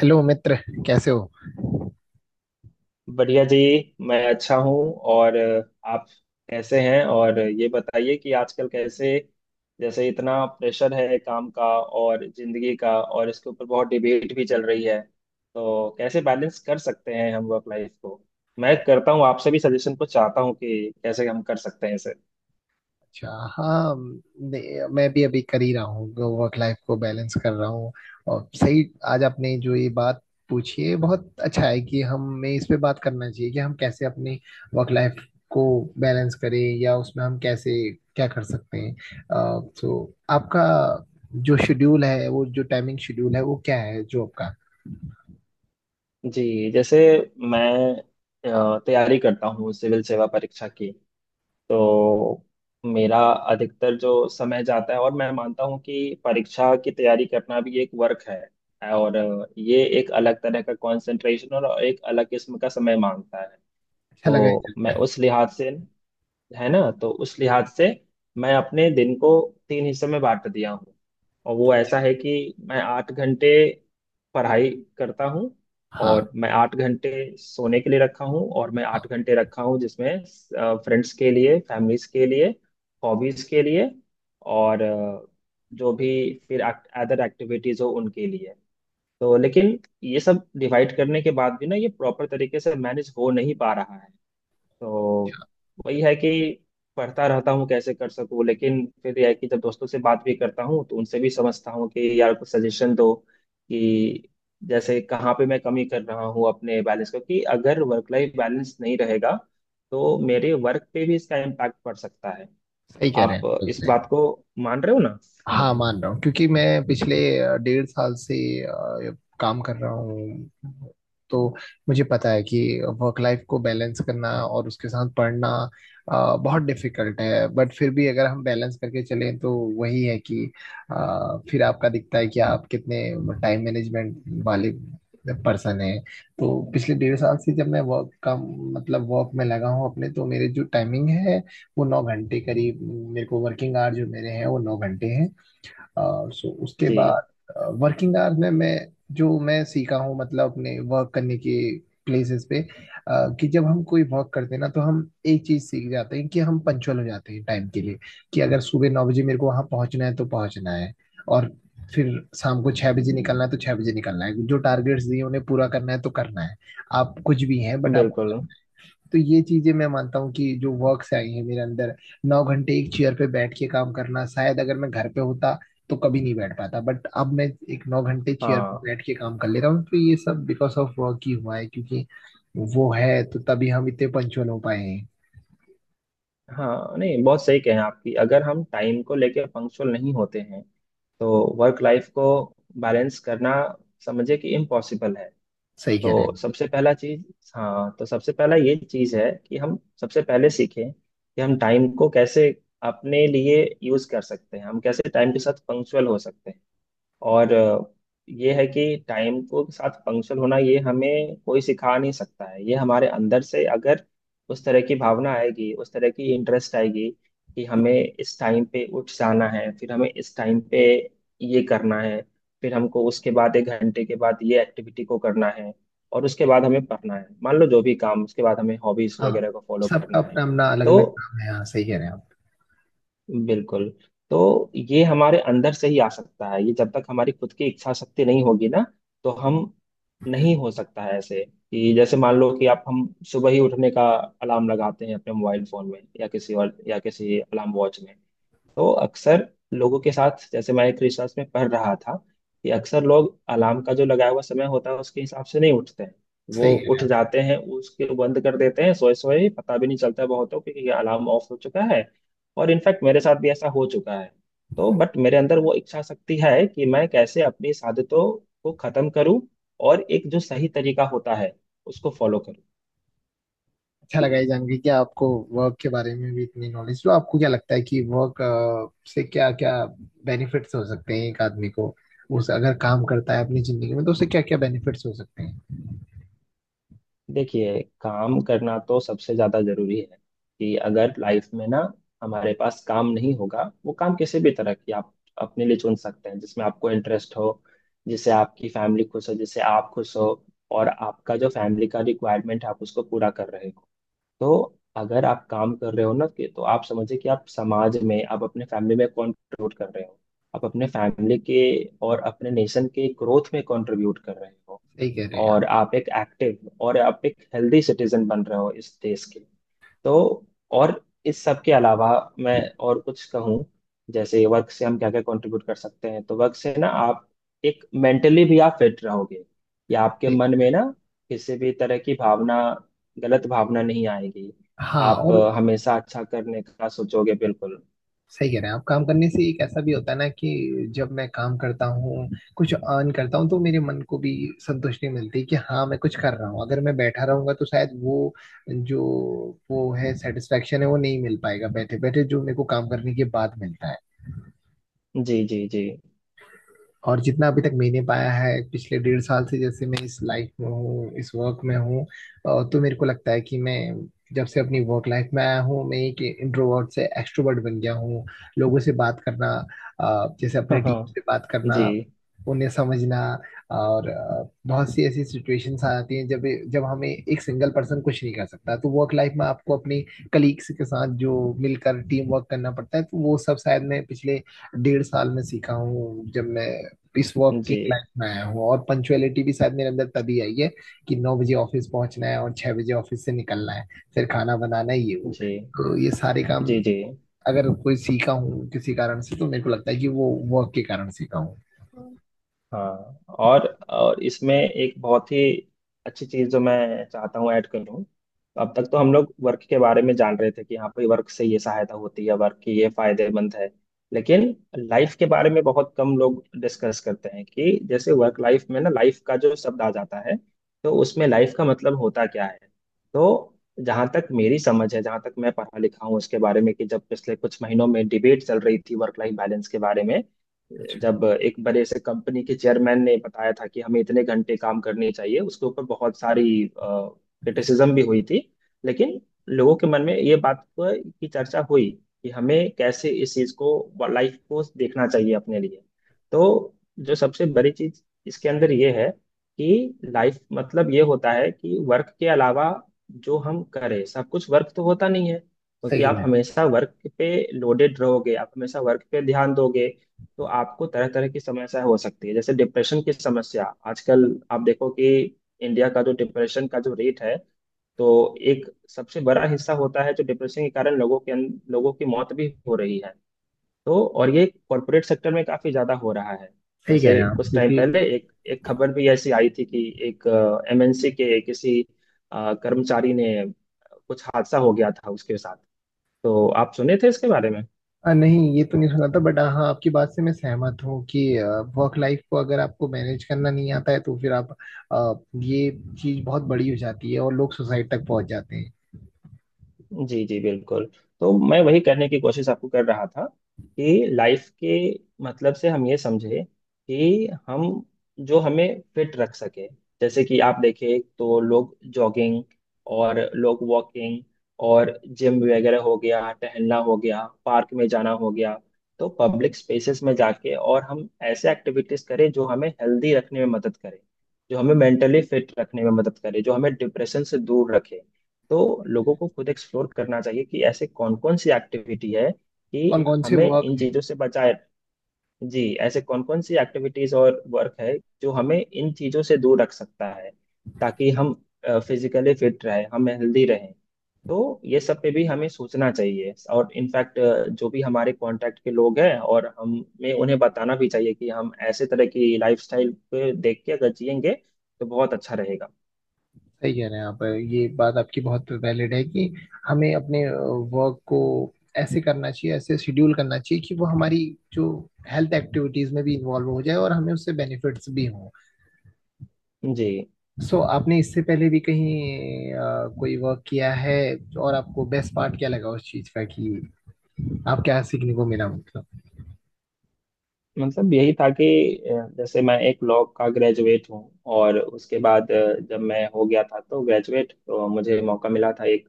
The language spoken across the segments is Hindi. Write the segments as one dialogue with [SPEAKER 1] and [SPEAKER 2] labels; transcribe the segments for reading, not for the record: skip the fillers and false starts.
[SPEAKER 1] हेलो मित्र, कैसे हो।
[SPEAKER 2] बढ़िया जी। मैं अच्छा हूँ, और आप कैसे हैं? और ये बताइए कि आजकल कैसे, जैसे इतना प्रेशर है काम का और जिंदगी का, और इसके ऊपर बहुत डिबेट भी चल रही है, तो कैसे बैलेंस कर सकते हैं हम वर्क लाइफ को? मैं करता हूँ, आपसे भी सजेशन को चाहता हूँ कि कैसे हम कर सकते हैं इसे।
[SPEAKER 1] अच्छा। हाँ। मैं भी अभी कर ही रहा हूँ, वर्क लाइफ को बैलेंस कर रहा हूँ। और सही, आज आपने जो ये बात पूछी है बहुत अच्छा है कि हमें इस पे बात करना चाहिए कि हम कैसे अपने वर्क लाइफ को बैलेंस करें या उसमें हम कैसे क्या कर सकते हैं। तो आपका जो शेड्यूल है, वो जो टाइमिंग शेड्यूल है वो क्या है जो आपका।
[SPEAKER 2] जी, जैसे मैं तैयारी करता हूँ सिविल सेवा परीक्षा की। तो मेरा अधिकतर जो समय जाता है, और मैं मानता हूँ कि परीक्षा की तैयारी करना भी एक वर्क है। और ये एक अलग तरह का कंसंट्रेशन और एक अलग किस्म का समय मांगता है।
[SPEAKER 1] अच्छा लगा है
[SPEAKER 2] तो मैं
[SPEAKER 1] जानकर।
[SPEAKER 2] उस लिहाज से, है ना, तो उस लिहाज से मैं अपने दिन को तीन हिस्सों में बांट दिया हूँ। और वो ऐसा है कि मैं 8 घंटे पढ़ाई करता हूँ,
[SPEAKER 1] हाँ
[SPEAKER 2] और मैं 8 घंटे सोने के लिए रखा हूँ, और मैं आठ
[SPEAKER 1] हाँ,
[SPEAKER 2] घंटे रखा हूँ जिसमें फ्रेंड्स के लिए, फैमिलीज के लिए, हॉबीज के लिए, और जो भी फिर अदर एक्टिविटीज हो उनके लिए। तो लेकिन ये सब डिवाइड करने के बाद भी ना, ये प्रॉपर तरीके से मैनेज हो नहीं पा रहा है। तो वही है कि पढ़ता रहता हूँ कैसे कर सकूँ, लेकिन फिर यह है कि जब दोस्तों से बात भी करता हूँ तो उनसे भी समझता हूँ कि यार कुछ सजेशन दो कि जैसे कहाँ पे मैं कमी कर रहा हूँ अपने बैलेंस को। कि अगर वर्क लाइफ बैलेंस नहीं रहेगा तो मेरे वर्क पे भी इसका इम्पैक्ट पड़ सकता है।
[SPEAKER 1] सही कह रहे
[SPEAKER 2] आप
[SPEAKER 1] हैं, बिल्कुल
[SPEAKER 2] इस बात
[SPEAKER 1] सही।
[SPEAKER 2] को मान रहे हो ना? हम्म,
[SPEAKER 1] हाँ मान रहा हूँ, क्योंकि मैं पिछले डेढ़ साल से काम कर रहा हूँ। तो मुझे पता है कि वर्क लाइफ को बैलेंस करना और उसके साथ पढ़ना बहुत डिफिकल्ट है, बट फिर भी अगर हम बैलेंस करके चलें तो वही है कि फिर आपका दिखता है कि आप कितने टाइम मैनेजमेंट वाले पर्सन हैं। तो पिछले डेढ़ साल से जब मैं वर्क का मतलब वर्क में लगा हूँ अपने, तो मेरे जो टाइमिंग है वो 9 घंटे करीब, मेरे को वर्किंग आवर जो मेरे हैं वो 9 घंटे हैं। सो उसके
[SPEAKER 2] जी
[SPEAKER 1] बाद वर्किंग आवर्स में मैं जो मैं सीखा हूँ मतलब अपने वर्क करने के प्लेसेस पे, कि जब हम कोई वर्क करते हैं ना तो हम एक चीज सीख जाते हैं कि हम पंचुअल हो जाते हैं टाइम के लिए। कि अगर सुबह 9 बजे मेरे को वहां पहुंचना है तो पहुंचना है, और फिर शाम को 6 बजे निकलना है तो 6 बजे निकलना है, जो टारगेट्स दिए उन्हें पूरा करना है तो करना है। आप कुछ भी हैं बट आपको
[SPEAKER 2] बिल्कुल।
[SPEAKER 1] करना है। तो ये चीजें मैं मानता हूँ कि जो वर्क से आई है मेरे अंदर। 9 घंटे एक चेयर पे बैठ के काम करना, शायद अगर मैं घर पे होता तो कभी नहीं बैठ पाता, बट अब मैं एक 9 घंटे चेयर पे
[SPEAKER 2] हाँ।
[SPEAKER 1] बैठ के काम कर ले रहा हूँ, तो ये सब बिकॉज ऑफ वर्क ही हुआ है। क्योंकि वो है तो तभी हम इतने पंचुअल हो पाए हैं।
[SPEAKER 2] हाँ नहीं, बहुत सही कहें आपकी। अगर हम टाइम को लेके पंक्चुअल नहीं होते हैं तो वर्क लाइफ को बैलेंस करना, समझे कि इम्पॉसिबल है।
[SPEAKER 1] सही कह रहे
[SPEAKER 2] तो
[SPEAKER 1] हैं।
[SPEAKER 2] सबसे पहला चीज, हाँ, तो सबसे पहला ये चीज है कि हम सबसे पहले सीखें कि हम टाइम को कैसे अपने लिए यूज कर सकते हैं, हम कैसे टाइम के साथ पंक्चुअल हो सकते हैं। और ये है कि टाइम को के साथ पंक्चुअल होना, ये हमें कोई सिखा नहीं सकता है। ये हमारे अंदर से अगर उस तरह की भावना आएगी, उस तरह की इंटरेस्ट आएगी, कि हमें इस टाइम पे उठ जाना है, फिर हमें इस टाइम पे ये करना है, फिर हमको उसके बाद 1 घंटे के बाद ये एक्टिविटी को करना है, और उसके बाद हमें पढ़ना है, मान लो जो भी काम, उसके बाद हमें हॉबीज
[SPEAKER 1] हाँ,
[SPEAKER 2] वगैरह को फॉलो
[SPEAKER 1] सबका
[SPEAKER 2] करना है।
[SPEAKER 1] अपना अपना अलग अलग
[SPEAKER 2] तो
[SPEAKER 1] काम है। हाँ सही कह रहे हैं आप।
[SPEAKER 2] बिल्कुल। तो ये हमारे अंदर से ही आ सकता है, ये जब तक हमारी खुद की इच्छा शक्ति नहीं होगी ना तो हम, नहीं हो सकता है ऐसे। कि जैसे मान लो कि आप, हम सुबह ही उठने का अलार्म लगाते हैं अपने मोबाइल फोन में या किसी और या किसी अलार्म वॉच में, तो अक्सर लोगों के साथ, जैसे मैं एक रिसर्च में पढ़ रहा था कि अक्सर लोग अलार्म का जो लगाया हुआ समय होता है उसके हिसाब से नहीं उठते हैं। वो
[SPEAKER 1] सही।
[SPEAKER 2] उठ जाते हैं, उसके बंद कर देते हैं, सोए सोए पता भी नहीं चलता है बहुतों को कि ये अलार्म ऑफ हो चुका है। और इनफैक्ट मेरे साथ भी ऐसा हो चुका है। तो बट मेरे अंदर वो इच्छा शक्ति है कि मैं कैसे अपनी इस आदतों को खत्म करूं, और एक जो सही तरीका होता है उसको फॉलो।
[SPEAKER 1] अच्छा लगा ये जान के कि आपको वर्क के बारे में भी इतनी नॉलेज। तो आपको क्या लगता है कि वर्क से क्या क्या बेनिफिट्स हो सकते हैं एक आदमी को, उस अगर काम करता है अपनी जिंदगी में तो उसे क्या क्या बेनिफिट्स हो सकते हैं।
[SPEAKER 2] देखिए, काम करना तो सबसे ज्यादा जरूरी है। कि अगर लाइफ में ना हमारे पास काम नहीं होगा, वो काम किसी भी तरह की आप अपने लिए चुन सकते हैं जिसमें आपको इंटरेस्ट हो, जिससे आपकी फैमिली खुश हो, जिससे आप खुश हो, और आपका जो फैमिली का रिक्वायरमेंट है आप उसको पूरा कर रहे हो। तो अगर आप काम कर रहे हो ना, कि तो आप समझिए कि आप समाज में, आप अपने फैमिली में कंट्रीब्यूट कर रहे हो। आप अपने फैमिली के और अपने नेशन के ग्रोथ में कंट्रीब्यूट कर रहे हो।
[SPEAKER 1] सही कह रहे हैं आप।
[SPEAKER 2] और आप एक एक्टिव, और आप एक हेल्दी सिटीजन बन रहे हो इस देश के। तो, और इस सब के अलावा मैं और कुछ कहूँ, जैसे वर्क से हम क्या क्या कंट्रीब्यूट कर सकते हैं, तो वर्क से ना, आप एक मेंटली भी आप फिट रहोगे। या आपके
[SPEAKER 1] सही।
[SPEAKER 2] मन में ना किसी भी तरह की भावना, गलत भावना नहीं आएगी।
[SPEAKER 1] हाँ
[SPEAKER 2] आप
[SPEAKER 1] और
[SPEAKER 2] हमेशा अच्छा करने का सोचोगे, बिल्कुल।
[SPEAKER 1] सही कह रहे हैं आप, काम करने से एक ऐसा भी होता है ना कि जब मैं काम करता हूँ कुछ अर्न करता हूँ तो मेरे मन को भी संतुष्टि मिलती है कि हाँ मैं कुछ कर रहा हूँ। अगर मैं बैठा रहूंगा तो शायद वो जो वो है सेटिस्फेक्शन है वो नहीं मिल पाएगा बैठे बैठे, जो मेरे को काम करने के बाद मिलता है।
[SPEAKER 2] जी जी जी।
[SPEAKER 1] और जितना अभी तक मैंने पाया है पिछले डेढ़ साल से, जैसे मैं इस लाइफ में हूँ इस वर्क में हूँ, तो मेरे को लगता है कि मैं जब से अपनी वर्क लाइफ में आया हूँ, मैं एक इंट्रोवर्ट से एक्सट्रोवर्ट बन गया हूँ। लोगों से बात करना, जैसे अपने
[SPEAKER 2] हाँ
[SPEAKER 1] टीम
[SPEAKER 2] हाँ,
[SPEAKER 1] से बात
[SPEAKER 2] जी।
[SPEAKER 1] करना, उन्हें समझना। और बहुत सी ऐसी सिचुएशंस आ जाती हैं जब जब हमें एक सिंगल पर्सन कुछ नहीं कर सकता तो वर्क लाइफ में आपको अपने कलीग्स के साथ जो मिलकर टीम वर्क करना पड़ता है, तो वो सब शायद मैं पिछले डेढ़ साल में सीखा हूँ जब मैं इस वर्किंग
[SPEAKER 2] जी
[SPEAKER 1] लाइफ में आया हूँ। और पंचुअलिटी भी शायद मेरे अंदर तभी आई है कि 9 बजे ऑफिस पहुंचना है और 6 बजे ऑफिस से निकलना है, फिर खाना बनाना है ये वो।
[SPEAKER 2] जी
[SPEAKER 1] तो ये सारे काम
[SPEAKER 2] जी
[SPEAKER 1] अगर कोई सीखा हूँ किसी कारण से तो मेरे को लगता है कि वो वर्क के कारण सीखा हूँ।
[SPEAKER 2] जी हाँ, और इसमें एक बहुत ही अच्छी चीज़ जो मैं चाहता हूँ ऐड करूँ। अब तक तो हम लोग वर्क के बारे में जान रहे थे कि हाँ भाई, वर्क से ये सहायता होती है, वर्क की ये फायदेमंद है। लेकिन लाइफ के बारे में बहुत कम लोग डिस्कस करते हैं, कि जैसे वर्क लाइफ में ना, लाइफ का जो शब्द आ जाता है, तो उसमें लाइफ का मतलब होता क्या है? तो जहाँ तक मेरी समझ है, जहाँ तक मैं पढ़ा लिखा हूँ उसके बारे में, कि जब पिछले कुछ महीनों में डिबेट चल रही थी वर्क लाइफ बैलेंस के बारे में,
[SPEAKER 1] अच्छा।
[SPEAKER 2] जब एक बड़े से कंपनी के चेयरमैन ने बताया था कि हमें इतने घंटे काम करने चाहिए, उसके ऊपर बहुत सारी क्रिटिसिज्म भी हुई थी। लेकिन लोगों के मन में ये बात की चर्चा हुई, कि हमें कैसे इस चीज को, लाइफ को, देखना चाहिए अपने लिए। तो जो सबसे बड़ी चीज इसके अंदर ये है कि लाइफ मतलब ये होता है कि वर्क के अलावा जो हम करें, सब कुछ वर्क तो होता नहीं है,
[SPEAKER 1] सही
[SPEAKER 2] क्योंकि
[SPEAKER 1] कह
[SPEAKER 2] आप
[SPEAKER 1] रहे हैं।
[SPEAKER 2] हमेशा वर्क पे लोडेड रहोगे, आप हमेशा वर्क पे ध्यान दोगे तो आपको तरह तरह की समस्या हो सकती है। जैसे डिप्रेशन की समस्या आजकल, आप देखो कि इंडिया का जो डिप्रेशन का जो रेट है, तो एक सबसे बड़ा हिस्सा होता है जो डिप्रेशन के कारण लोगों के लोगों की मौत भी हो रही है। तो, और ये कॉरपोरेट सेक्टर में काफी ज्यादा हो रहा है।
[SPEAKER 1] सही कह रहे
[SPEAKER 2] जैसे
[SPEAKER 1] हैं आप,
[SPEAKER 2] कुछ टाइम
[SPEAKER 1] क्योंकि
[SPEAKER 2] पहले एक एक खबर भी ऐसी आई थी कि एक एमएनसी के किसी कर्मचारी ने, कुछ हादसा हो गया था उसके साथ। तो आप सुने थे इसके बारे में?
[SPEAKER 1] नहीं ये तो नहीं सुना था, बट हाँ आपकी बात से मैं सहमत हूँ कि वर्क लाइफ को अगर आपको मैनेज करना नहीं आता है तो फिर आप आ, ये चीज बहुत बड़ी हो जाती है और लोग सुसाइड तक पहुंच जाते हैं।
[SPEAKER 2] जी जी बिल्कुल। तो मैं वही करने की कोशिश आपको कर रहा था कि लाइफ के मतलब से हम ये समझे कि हम, जो हमें फिट रख सके, जैसे कि आप देखें तो लोग जॉगिंग, और लोग वॉकिंग, और जिम वगैरह हो गया, टहलना हो गया, पार्क में जाना हो गया। तो पब्लिक स्पेसेस में जाके और हम ऐसे एक्टिविटीज करें जो हमें हेल्दी रखने में मदद करे, जो हमें मेंटली फिट रखने में मदद करे, जो हमें डिप्रेशन से दूर रखे। तो लोगों को खुद एक्सप्लोर करना चाहिए कि ऐसे कौन कौन सी एक्टिविटी है कि
[SPEAKER 1] कौन कौन से
[SPEAKER 2] हमें
[SPEAKER 1] वर्क।
[SPEAKER 2] इन चीजों से बचाए। जी, ऐसे कौन कौन सी एक्टिविटीज और वर्क है जो हमें इन चीजों से दूर रख सकता है, ताकि हम फिजिकली फिट रहे, हम हेल्दी रहें। तो ये सब पे भी हमें सोचना चाहिए। और इनफैक्ट, जो भी हमारे कांटेक्ट के लोग हैं, और हमें उन्हें बताना भी चाहिए कि हम ऐसे तरह की लाइफस्टाइल पे देख के अगर जिएंगे तो बहुत अच्छा रहेगा।
[SPEAKER 1] सही कह रहे हैं आप, ये बात आपकी बहुत वैलिड है कि हमें अपने वर्क को ऐसे करना चाहिए, ऐसे शेड्यूल करना चाहिए कि वो हमारी जो हेल्थ एक्टिविटीज में भी इन्वॉल्व हो जाए और हमें उससे बेनिफिट्स भी हों।
[SPEAKER 2] जी,
[SPEAKER 1] सो आपने इससे पहले भी कहीं कोई वर्क किया है, और आपको बेस्ट पार्ट क्या लगा उस चीज का, कि आप क्या सीखने को मिला मतलब।
[SPEAKER 2] मतलब यही था कि जैसे मैं एक लॉ का ग्रेजुएट हूँ, और उसके बाद जब मैं हो गया था तो ग्रेजुएट, तो मुझे मौका मिला था एक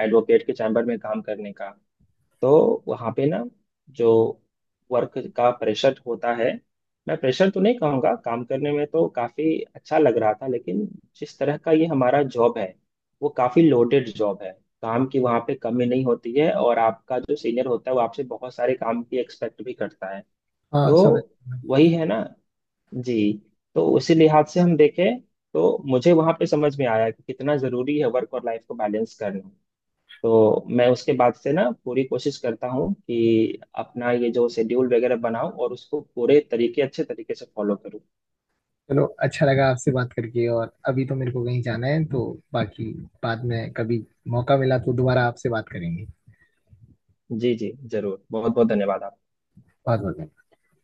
[SPEAKER 2] एडवोकेट के चैम्बर में काम करने का। तो वहाँ पे ना, जो वर्क का प्रेशर होता है, मैं प्रेशर तो नहीं कहूँगा, काम करने में तो काफ़ी अच्छा लग रहा था, लेकिन जिस तरह का ये हमारा जॉब है, वो काफ़ी लोडेड जॉब है। काम की वहाँ पे कमी नहीं होती है, और आपका जो सीनियर होता है वो आपसे बहुत सारे काम की एक्सपेक्ट भी करता है।
[SPEAKER 1] हाँ समझ।
[SPEAKER 2] तो वही है ना। जी। तो उसी लिहाज से हम देखें तो मुझे वहां पे समझ में आया कि कितना जरूरी है वर्क और लाइफ को बैलेंस करना। तो मैं उसके बाद से ना पूरी कोशिश करता हूँ कि अपना ये जो शेड्यूल वगैरह बनाऊं और उसको पूरे तरीके अच्छे तरीके से फॉलो करूँ।
[SPEAKER 1] चलो अच्छा लगा आपसे बात करके, और अभी तो मेरे को कहीं जाना है तो बाकी बाद में कभी मौका मिला तो दोबारा आपसे बात करेंगे।
[SPEAKER 2] जी जी जरूर, बहुत बहुत धन्यवाद आपका।
[SPEAKER 1] बहुत बहुत।